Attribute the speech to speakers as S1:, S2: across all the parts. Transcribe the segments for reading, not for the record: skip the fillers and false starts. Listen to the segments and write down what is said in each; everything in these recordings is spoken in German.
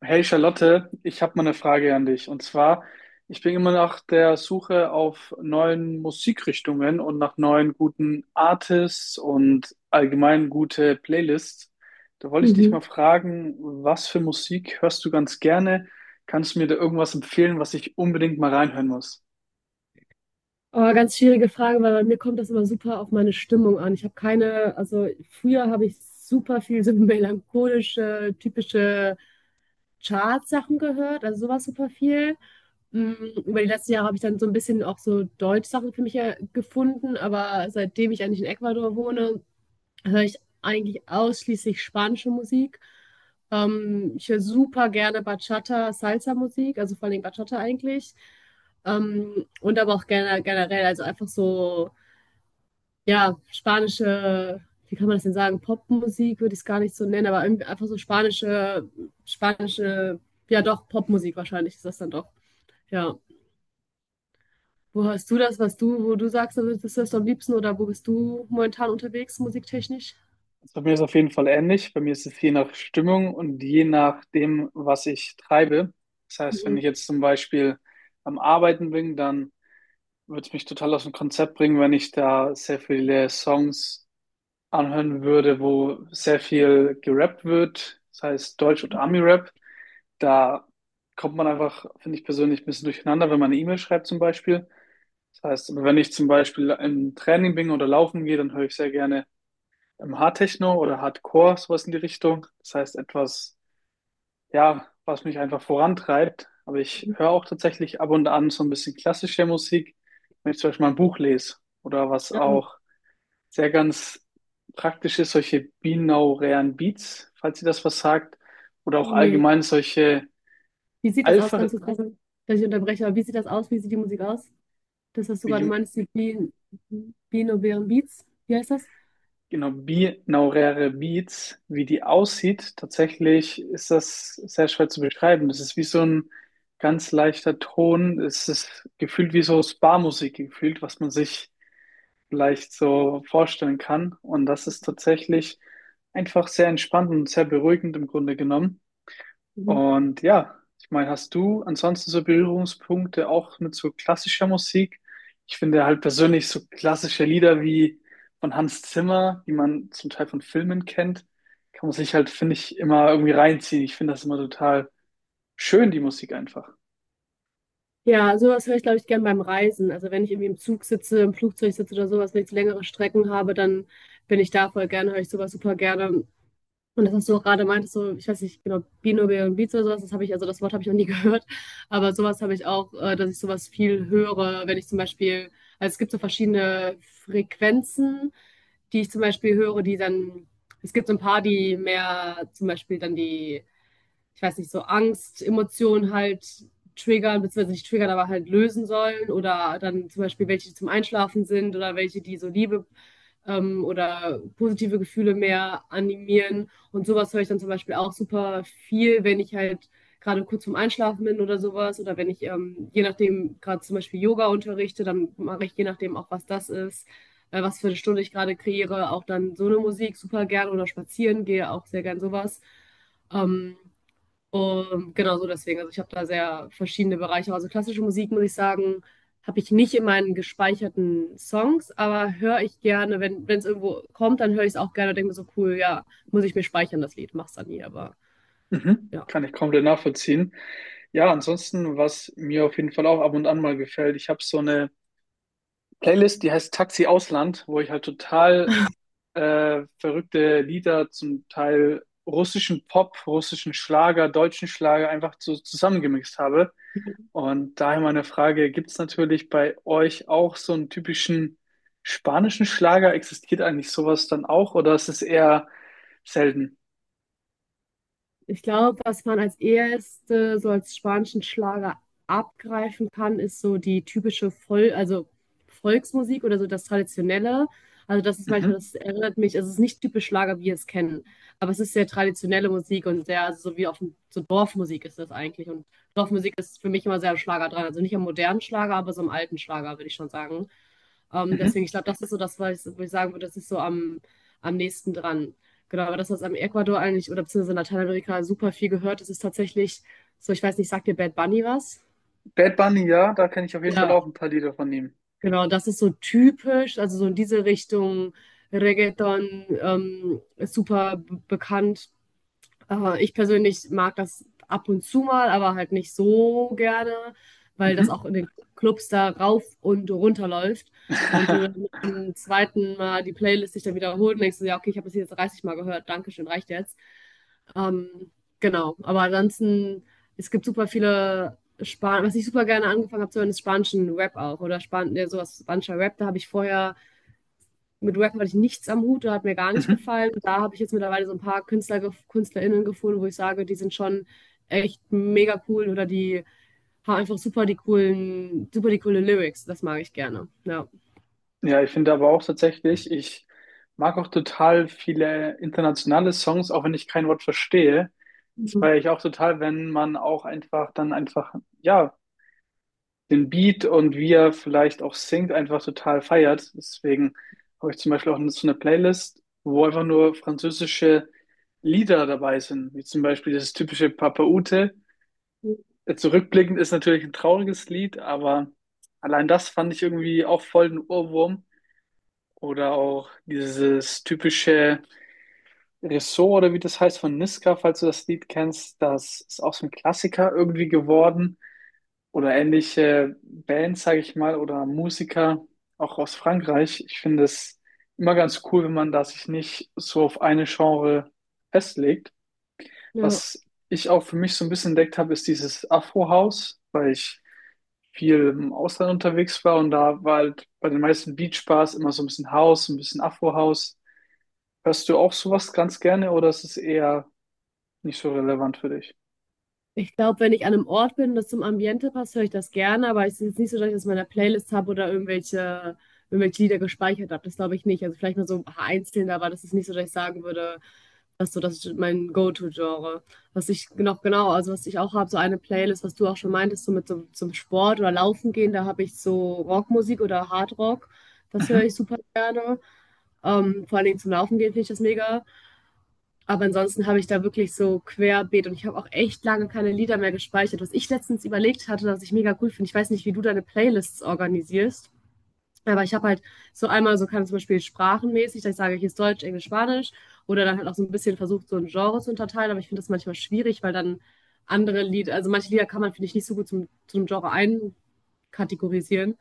S1: Hey Charlotte, ich habe mal eine Frage an dich. Und zwar, ich bin immer nach der Suche auf neuen Musikrichtungen und nach neuen guten Artists und allgemein gute Playlists. Da wollte ich dich mal
S2: Mhm.
S1: fragen, was für Musik hörst du ganz gerne? Kannst du mir da irgendwas empfehlen, was ich unbedingt mal reinhören muss?
S2: Aber ganz schwierige Frage, weil bei mir kommt das immer super auf meine Stimmung an. Ich habe keine, also früher habe ich super viel so melancholische, typische Chartsachen gehört, also sowas super viel. Mm, Über die letzten Jahre habe ich dann so ein bisschen auch so Deutschsachen für mich gefunden, aber seitdem ich eigentlich in Ecuador wohne, höre ich eigentlich ausschließlich spanische Musik. Ich höre super gerne Bachata, Salsa-Musik, also vor allem Bachata eigentlich. Und aber auch gerne, generell, also einfach so, ja, spanische, wie kann man das denn sagen, Popmusik würde ich es gar nicht so nennen, aber irgendwie einfach so spanische, spanische, ja doch, Popmusik wahrscheinlich ist das dann doch, ja. Wo hörst du das, was du, wo du sagst, also das ist das am liebsten oder wo bist du momentan unterwegs, musiktechnisch?
S1: Also bei mir ist es auf jeden Fall ähnlich. Bei mir ist es je nach Stimmung und je nach dem, was ich treibe. Das heißt, wenn ich
S2: Mhm.
S1: jetzt zum Beispiel am Arbeiten bin, dann würde mich total aus dem Konzept bringen, wenn ich da sehr viele Songs anhören würde, wo sehr viel gerappt wird, das heißt Deutsch- und Ami-Rap. Da kommt man einfach, finde ich persönlich, ein bisschen durcheinander, wenn man eine E-Mail schreibt zum Beispiel. Das heißt, wenn ich zum Beispiel im Training bin oder laufen gehe, dann höre ich sehr gerne im Hardtechno oder Hardcore, sowas in die Richtung. Das heißt, etwas, ja, was mich einfach vorantreibt. Aber ich
S2: Mhm.
S1: höre auch tatsächlich ab und an so ein bisschen klassische Musik, wenn ich zum Beispiel mal ein Buch lese oder was
S2: Ah.
S1: auch sehr ganz praktisch ist, solche binaurären Beats, falls ihr das was sagt, oder auch
S2: Nee.
S1: allgemein solche
S2: Wie sieht das aus,
S1: Alpha,
S2: ganz kurz, dass ich unterbreche, aber wie sieht das aus? Wie sieht die Musik aus? Das, was du
S1: wie
S2: gerade
S1: die,
S2: meinst, die binaurären Beats, wie heißt das?
S1: genau, binauräre Beats, wie die aussieht, tatsächlich ist das sehr schwer zu beschreiben. Das ist wie so ein ganz leichter Ton. Es ist gefühlt wie so Spa-Musik gefühlt, was man sich vielleicht so vorstellen kann. Und das ist tatsächlich einfach sehr entspannt und sehr beruhigend im Grunde genommen.
S2: Mhm.
S1: Und ja, ich meine, hast du ansonsten so Berührungspunkte auch mit so klassischer Musik? Ich finde halt persönlich so klassische Lieder wie von Hans Zimmer, die man zum Teil von Filmen kennt, kann man sich halt, finde ich, immer irgendwie reinziehen. Ich finde das immer total schön, die Musik einfach.
S2: Ja, sowas höre ich, glaube ich, gern beim Reisen. Also wenn ich irgendwie im Zug sitze, im Flugzeug sitze oder sowas, wenn ich längere Strecken habe, dann bin ich da voll gerne, höre ich sowas super gerne. Und das, was du auch gerade meintest, so, ich weiß nicht genau, Bino Beats oder sowas, das habe ich, also das Wort habe ich noch nie gehört, aber sowas habe ich auch, dass ich sowas viel höre, wenn ich zum Beispiel, also es gibt so verschiedene Frequenzen, die ich zum Beispiel höre, die dann, es gibt so ein paar, die mehr zum Beispiel dann die, ich weiß nicht, so Angst, Emotionen halt triggern, beziehungsweise nicht triggern, aber halt lösen sollen oder dann zum Beispiel welche, die zum Einschlafen sind oder welche, die so Liebe oder positive Gefühle mehr animieren. Und sowas höre ich dann zum Beispiel auch super viel, wenn ich halt gerade kurz vorm Einschlafen bin oder sowas. Oder wenn ich, je nachdem, gerade zum Beispiel Yoga unterrichte, dann mache ich je nachdem auch, was das ist, was für eine Stunde ich gerade kreiere, auch dann so eine Musik super gern oder spazieren gehe auch sehr gern sowas. Ähm, und genau so deswegen. Also ich habe da sehr verschiedene Bereiche. Also klassische Musik, muss ich sagen, habe ich nicht in meinen gespeicherten Songs, aber höre ich gerne, wenn es irgendwo kommt, dann höre ich es auch gerne und denke mir so, cool, ja, muss ich mir speichern, das Lied. Mach's dann nie, aber
S1: Mhm.
S2: ja.
S1: Kann ich komplett nachvollziehen. Ja, ansonsten, was mir auf jeden Fall auch ab und an mal gefällt, ich habe so eine Playlist, die heißt Taxi Ausland, wo ich halt total verrückte Lieder, zum Teil russischen Pop, russischen Schlager, deutschen Schlager einfach so zusammengemixt habe. Und daher meine Frage, gibt es natürlich bei euch auch so einen typischen spanischen Schlager? Existiert eigentlich sowas dann auch oder ist es eher selten?
S2: Ich glaube, was man als erste so als spanischen Schlager abgreifen kann, ist so die typische Vol also Volksmusik oder so das Traditionelle. Also das ist manchmal,
S1: Mhm.
S2: das erinnert mich, also es ist nicht typisch Schlager, wie wir es kennen, aber es ist sehr traditionelle Musik und sehr, also so wie auf dem, so Dorfmusik ist das eigentlich. Und Dorfmusik ist für mich immer sehr am Schlager dran. Also nicht am modernen Schlager, aber so am alten Schlager, würde ich schon sagen.
S1: Mhm.
S2: Deswegen, ich glaube, das ist so das, was ich, wo ich sagen würde, das ist so am, am nächsten dran. Genau, aber das, was am Ecuador eigentlich oder beziehungsweise in Lateinamerika super viel gehört, das ist tatsächlich so, ich weiß nicht, sagt dir Bad Bunny was?
S1: Bad Bunny, ja, da kenne ich auf jeden Fall
S2: Ja.
S1: auch ein paar Lieder von ihm.
S2: Genau, das ist so typisch, also so in diese Richtung Reggaeton, ist super bekannt. Ich persönlich mag das ab und zu mal, aber halt nicht so gerne, weil das auch
S1: Mhm.
S2: in den Clubs da rauf und runter läuft. Und du dann mit dem zweiten Mal die Playlist sich dann wiederholt und denkst du, ja, okay, ich habe das jetzt 30 Mal gehört, Dankeschön, reicht jetzt. Ähm, genau, aber ansonsten, es gibt super viele Span was ich super gerne angefangen habe zu hören, ist spanischen Rap auch oder Span ja, sowas, spanischer Rap, da habe ich vorher mit Wacken hatte ich nichts am Hut, da hat mir gar nicht
S1: Mhm.
S2: gefallen. Und da habe ich jetzt mittlerweile so ein paar Künstler, KünstlerInnen gefunden, wo ich sage, die sind schon echt mega cool oder die haben einfach super die coolen, super die coole Lyrics. Das mag ich gerne. Ja.
S1: Ja, ich finde aber auch tatsächlich, ich mag auch total viele internationale Songs, auch wenn ich kein Wort verstehe. Das
S2: Mhm.
S1: feiere ich auch total, wenn man auch einfach dann einfach, ja, den Beat und wie er vielleicht auch singt, einfach total feiert. Deswegen habe ich zum Beispiel auch so eine Playlist, wo einfach nur französische Lieder dabei sind, wie zum Beispiel dieses typische Papa Ute. Zurückblickend ist natürlich ein trauriges Lied, aber allein das fand ich irgendwie auch voll ein Ohrwurm. Oder auch dieses typische Ressort oder wie das heißt von Niska, falls du das Lied kennst, das ist auch so ein Klassiker irgendwie geworden. Oder ähnliche Bands, sage ich mal, oder Musiker, auch aus Frankreich. Ich finde es immer ganz cool, wenn man da sich nicht so auf eine Genre festlegt.
S2: Ja.
S1: Was ich auch für mich so ein bisschen entdeckt habe, ist dieses Afro-House, weil ich viel im Ausland unterwegs war und da war halt bei den meisten Beach-Bars immer so ein bisschen House, ein bisschen Afro-House. Hörst du auch sowas ganz gerne oder ist es eher nicht so relevant für dich?
S2: Ich glaube, wenn ich an einem Ort bin und das zum Ambiente passt, höre ich das gerne, aber es ist jetzt nicht so, dass ich das in meiner Playlist habe oder irgendwelche, irgendwelche Lieder gespeichert habe. Das glaube ich nicht. Also vielleicht mal so ein paar einzelne, aber das ist nicht so, dass ich sagen würde, das so, das ist mein Go-To-Genre. Was ich noch genau, also was ich auch habe, so eine Playlist, was du auch schon meintest, so mit so, zum Sport oder Laufen gehen, da habe ich so Rockmusik oder Hardrock. Das höre ich
S1: Mhm.
S2: super gerne. Vor allen Dingen zum Laufen gehen finde ich das mega. Aber ansonsten habe ich da wirklich so querbeet und ich habe auch echt lange keine Lieder mehr gespeichert. Was ich letztens überlegt hatte, was ich mega cool finde, ich weiß nicht, wie du deine Playlists organisierst, aber ich habe halt so einmal so kann zum Beispiel sprachenmäßig, dass ich sage, hier ist Deutsch, Englisch, Spanisch oder dann halt auch so ein bisschen versucht, so ein Genre zu unterteilen, aber ich finde das manchmal schwierig, weil dann andere Lieder, also manche Lieder kann man, finde ich, nicht so gut zum, zum Genre einkategorisieren.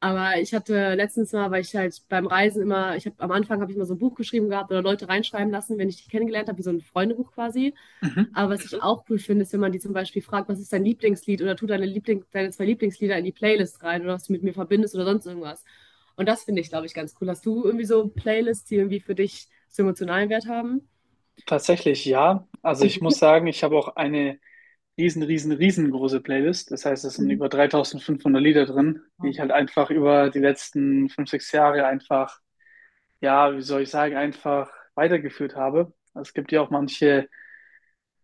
S2: Aber ich hatte letztens mal, weil ich halt beim Reisen immer, ich habe am Anfang habe ich mal so ein Buch geschrieben gehabt oder Leute reinschreiben lassen, wenn ich die kennengelernt habe, wie so ein Freundebuch quasi.
S1: Mhm.
S2: Aber was ich auch cool finde, ist, wenn man die zum Beispiel fragt, was ist dein Lieblingslied oder tu deine Liebling, deine zwei Lieblingslieder in die Playlist rein oder was du mit mir verbindest oder sonst irgendwas. Und das finde ich, glaube ich, ganz cool. Hast du irgendwie so Playlists, die irgendwie für dich so emotionalen Wert haben?
S1: Tatsächlich ja. Also ich muss sagen, ich habe auch eine riesen, riesen, riesengroße Playlist. Das heißt, es sind
S2: Mhm.
S1: über 3500 Lieder drin, die ich halt einfach über die letzten fünf, sechs Jahre einfach, ja, wie soll ich sagen, einfach weitergeführt habe. Also es gibt ja auch manche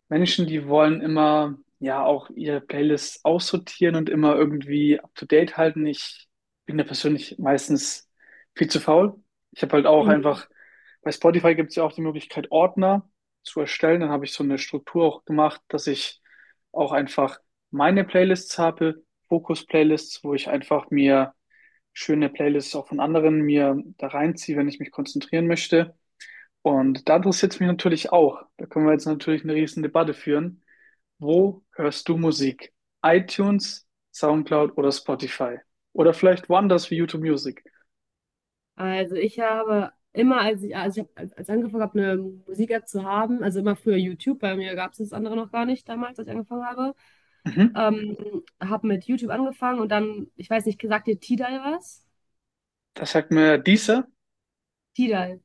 S1: Menschen, die wollen immer ja auch ihre Playlists aussortieren und immer irgendwie up to date halten. Ich bin da persönlich meistens viel zu faul. Ich habe halt auch
S2: Mhm.
S1: einfach, bei Spotify gibt es ja auch die Möglichkeit, Ordner zu erstellen. Dann habe ich so eine Struktur auch gemacht, dass ich auch einfach meine Playlists habe, Fokus-Playlists, wo ich einfach mir schöne Playlists auch von anderen mir da reinziehe, wenn ich mich konzentrieren möchte. Und da interessiert es mich natürlich auch. Da können wir jetzt natürlich eine riesen Debatte führen. Wo hörst du Musik? iTunes, SoundCloud oder Spotify? Oder vielleicht woanders wie YouTube Music?
S2: Also ich habe immer, als ich, also ich hab, als ich angefangen habe, eine Musik-App zu haben, also immer früher YouTube, bei mir gab es das andere noch gar nicht damals, als ich angefangen habe,
S1: Mhm.
S2: ähm, habe mit YouTube angefangen und dann, ich weiß nicht, sagt dir Tidal was?
S1: Das sagt mir dieser?
S2: Tidal.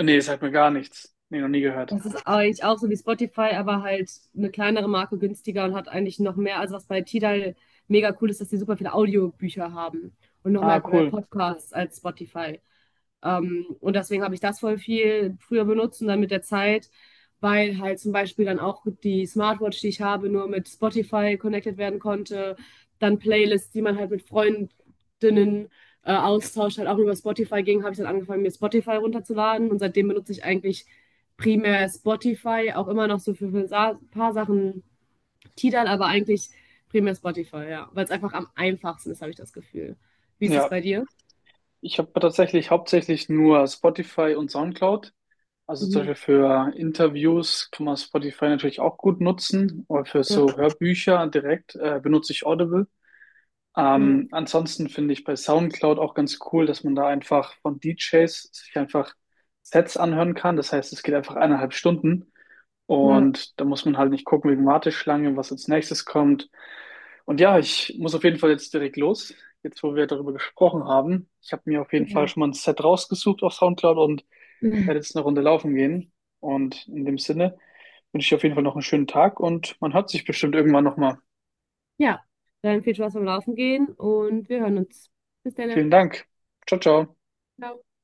S1: Nee, das sagt mir gar nichts. Nee, noch nie gehört.
S2: Das ist eigentlich auch so wie Spotify, aber halt eine kleinere Marke günstiger und hat eigentlich noch mehr, also was bei Tidal mega cool ist, dass die super viele Audiobücher haben und noch
S1: Ah,
S2: mehr
S1: cool.
S2: Podcasts als Spotify. Und deswegen habe ich das voll viel früher benutzt und dann mit der Zeit, weil halt zum Beispiel dann auch die Smartwatch, die ich habe, nur mit Spotify connected werden konnte. Dann Playlists, die man halt mit Freundinnen austauscht, halt auch über Spotify ging, habe ich dann angefangen, mir Spotify runterzuladen. Und seitdem benutze ich eigentlich primär Spotify, auch immer noch so für ein paar Sachen Tidal, aber eigentlich primär Spotify, ja. Weil es einfach am einfachsten ist, habe ich das Gefühl. Wie ist es
S1: Ja,
S2: bei dir?
S1: ich habe tatsächlich hauptsächlich nur Spotify und SoundCloud. Also zum
S2: Mhm.
S1: Beispiel für Interviews kann man Spotify natürlich auch gut nutzen, aber für
S2: Ja,
S1: so Hörbücher direkt benutze ich Audible.
S2: ja,
S1: Ansonsten finde ich bei SoundCloud auch ganz cool, dass man da einfach von DJs sich einfach Sets anhören kann. Das heißt, es geht einfach eineinhalb Stunden
S2: ja.
S1: und da muss man halt nicht gucken wegen Warteschlange, was als nächstes kommt. Und ja, ich muss auf jeden Fall jetzt direkt los, jetzt wo wir darüber gesprochen haben. Ich habe mir auf jeden Fall
S2: Ja.
S1: schon mal ein Set rausgesucht auf SoundCloud und werde jetzt eine Runde laufen gehen. Und in dem Sinne wünsche ich auf jeden Fall noch einen schönen Tag und man hört sich bestimmt irgendwann nochmal.
S2: Ja, dann viel Spaß beim Laufen gehen und wir hören uns. Bis dann.
S1: Vielen Dank. Ciao, ciao.
S2: Ciao.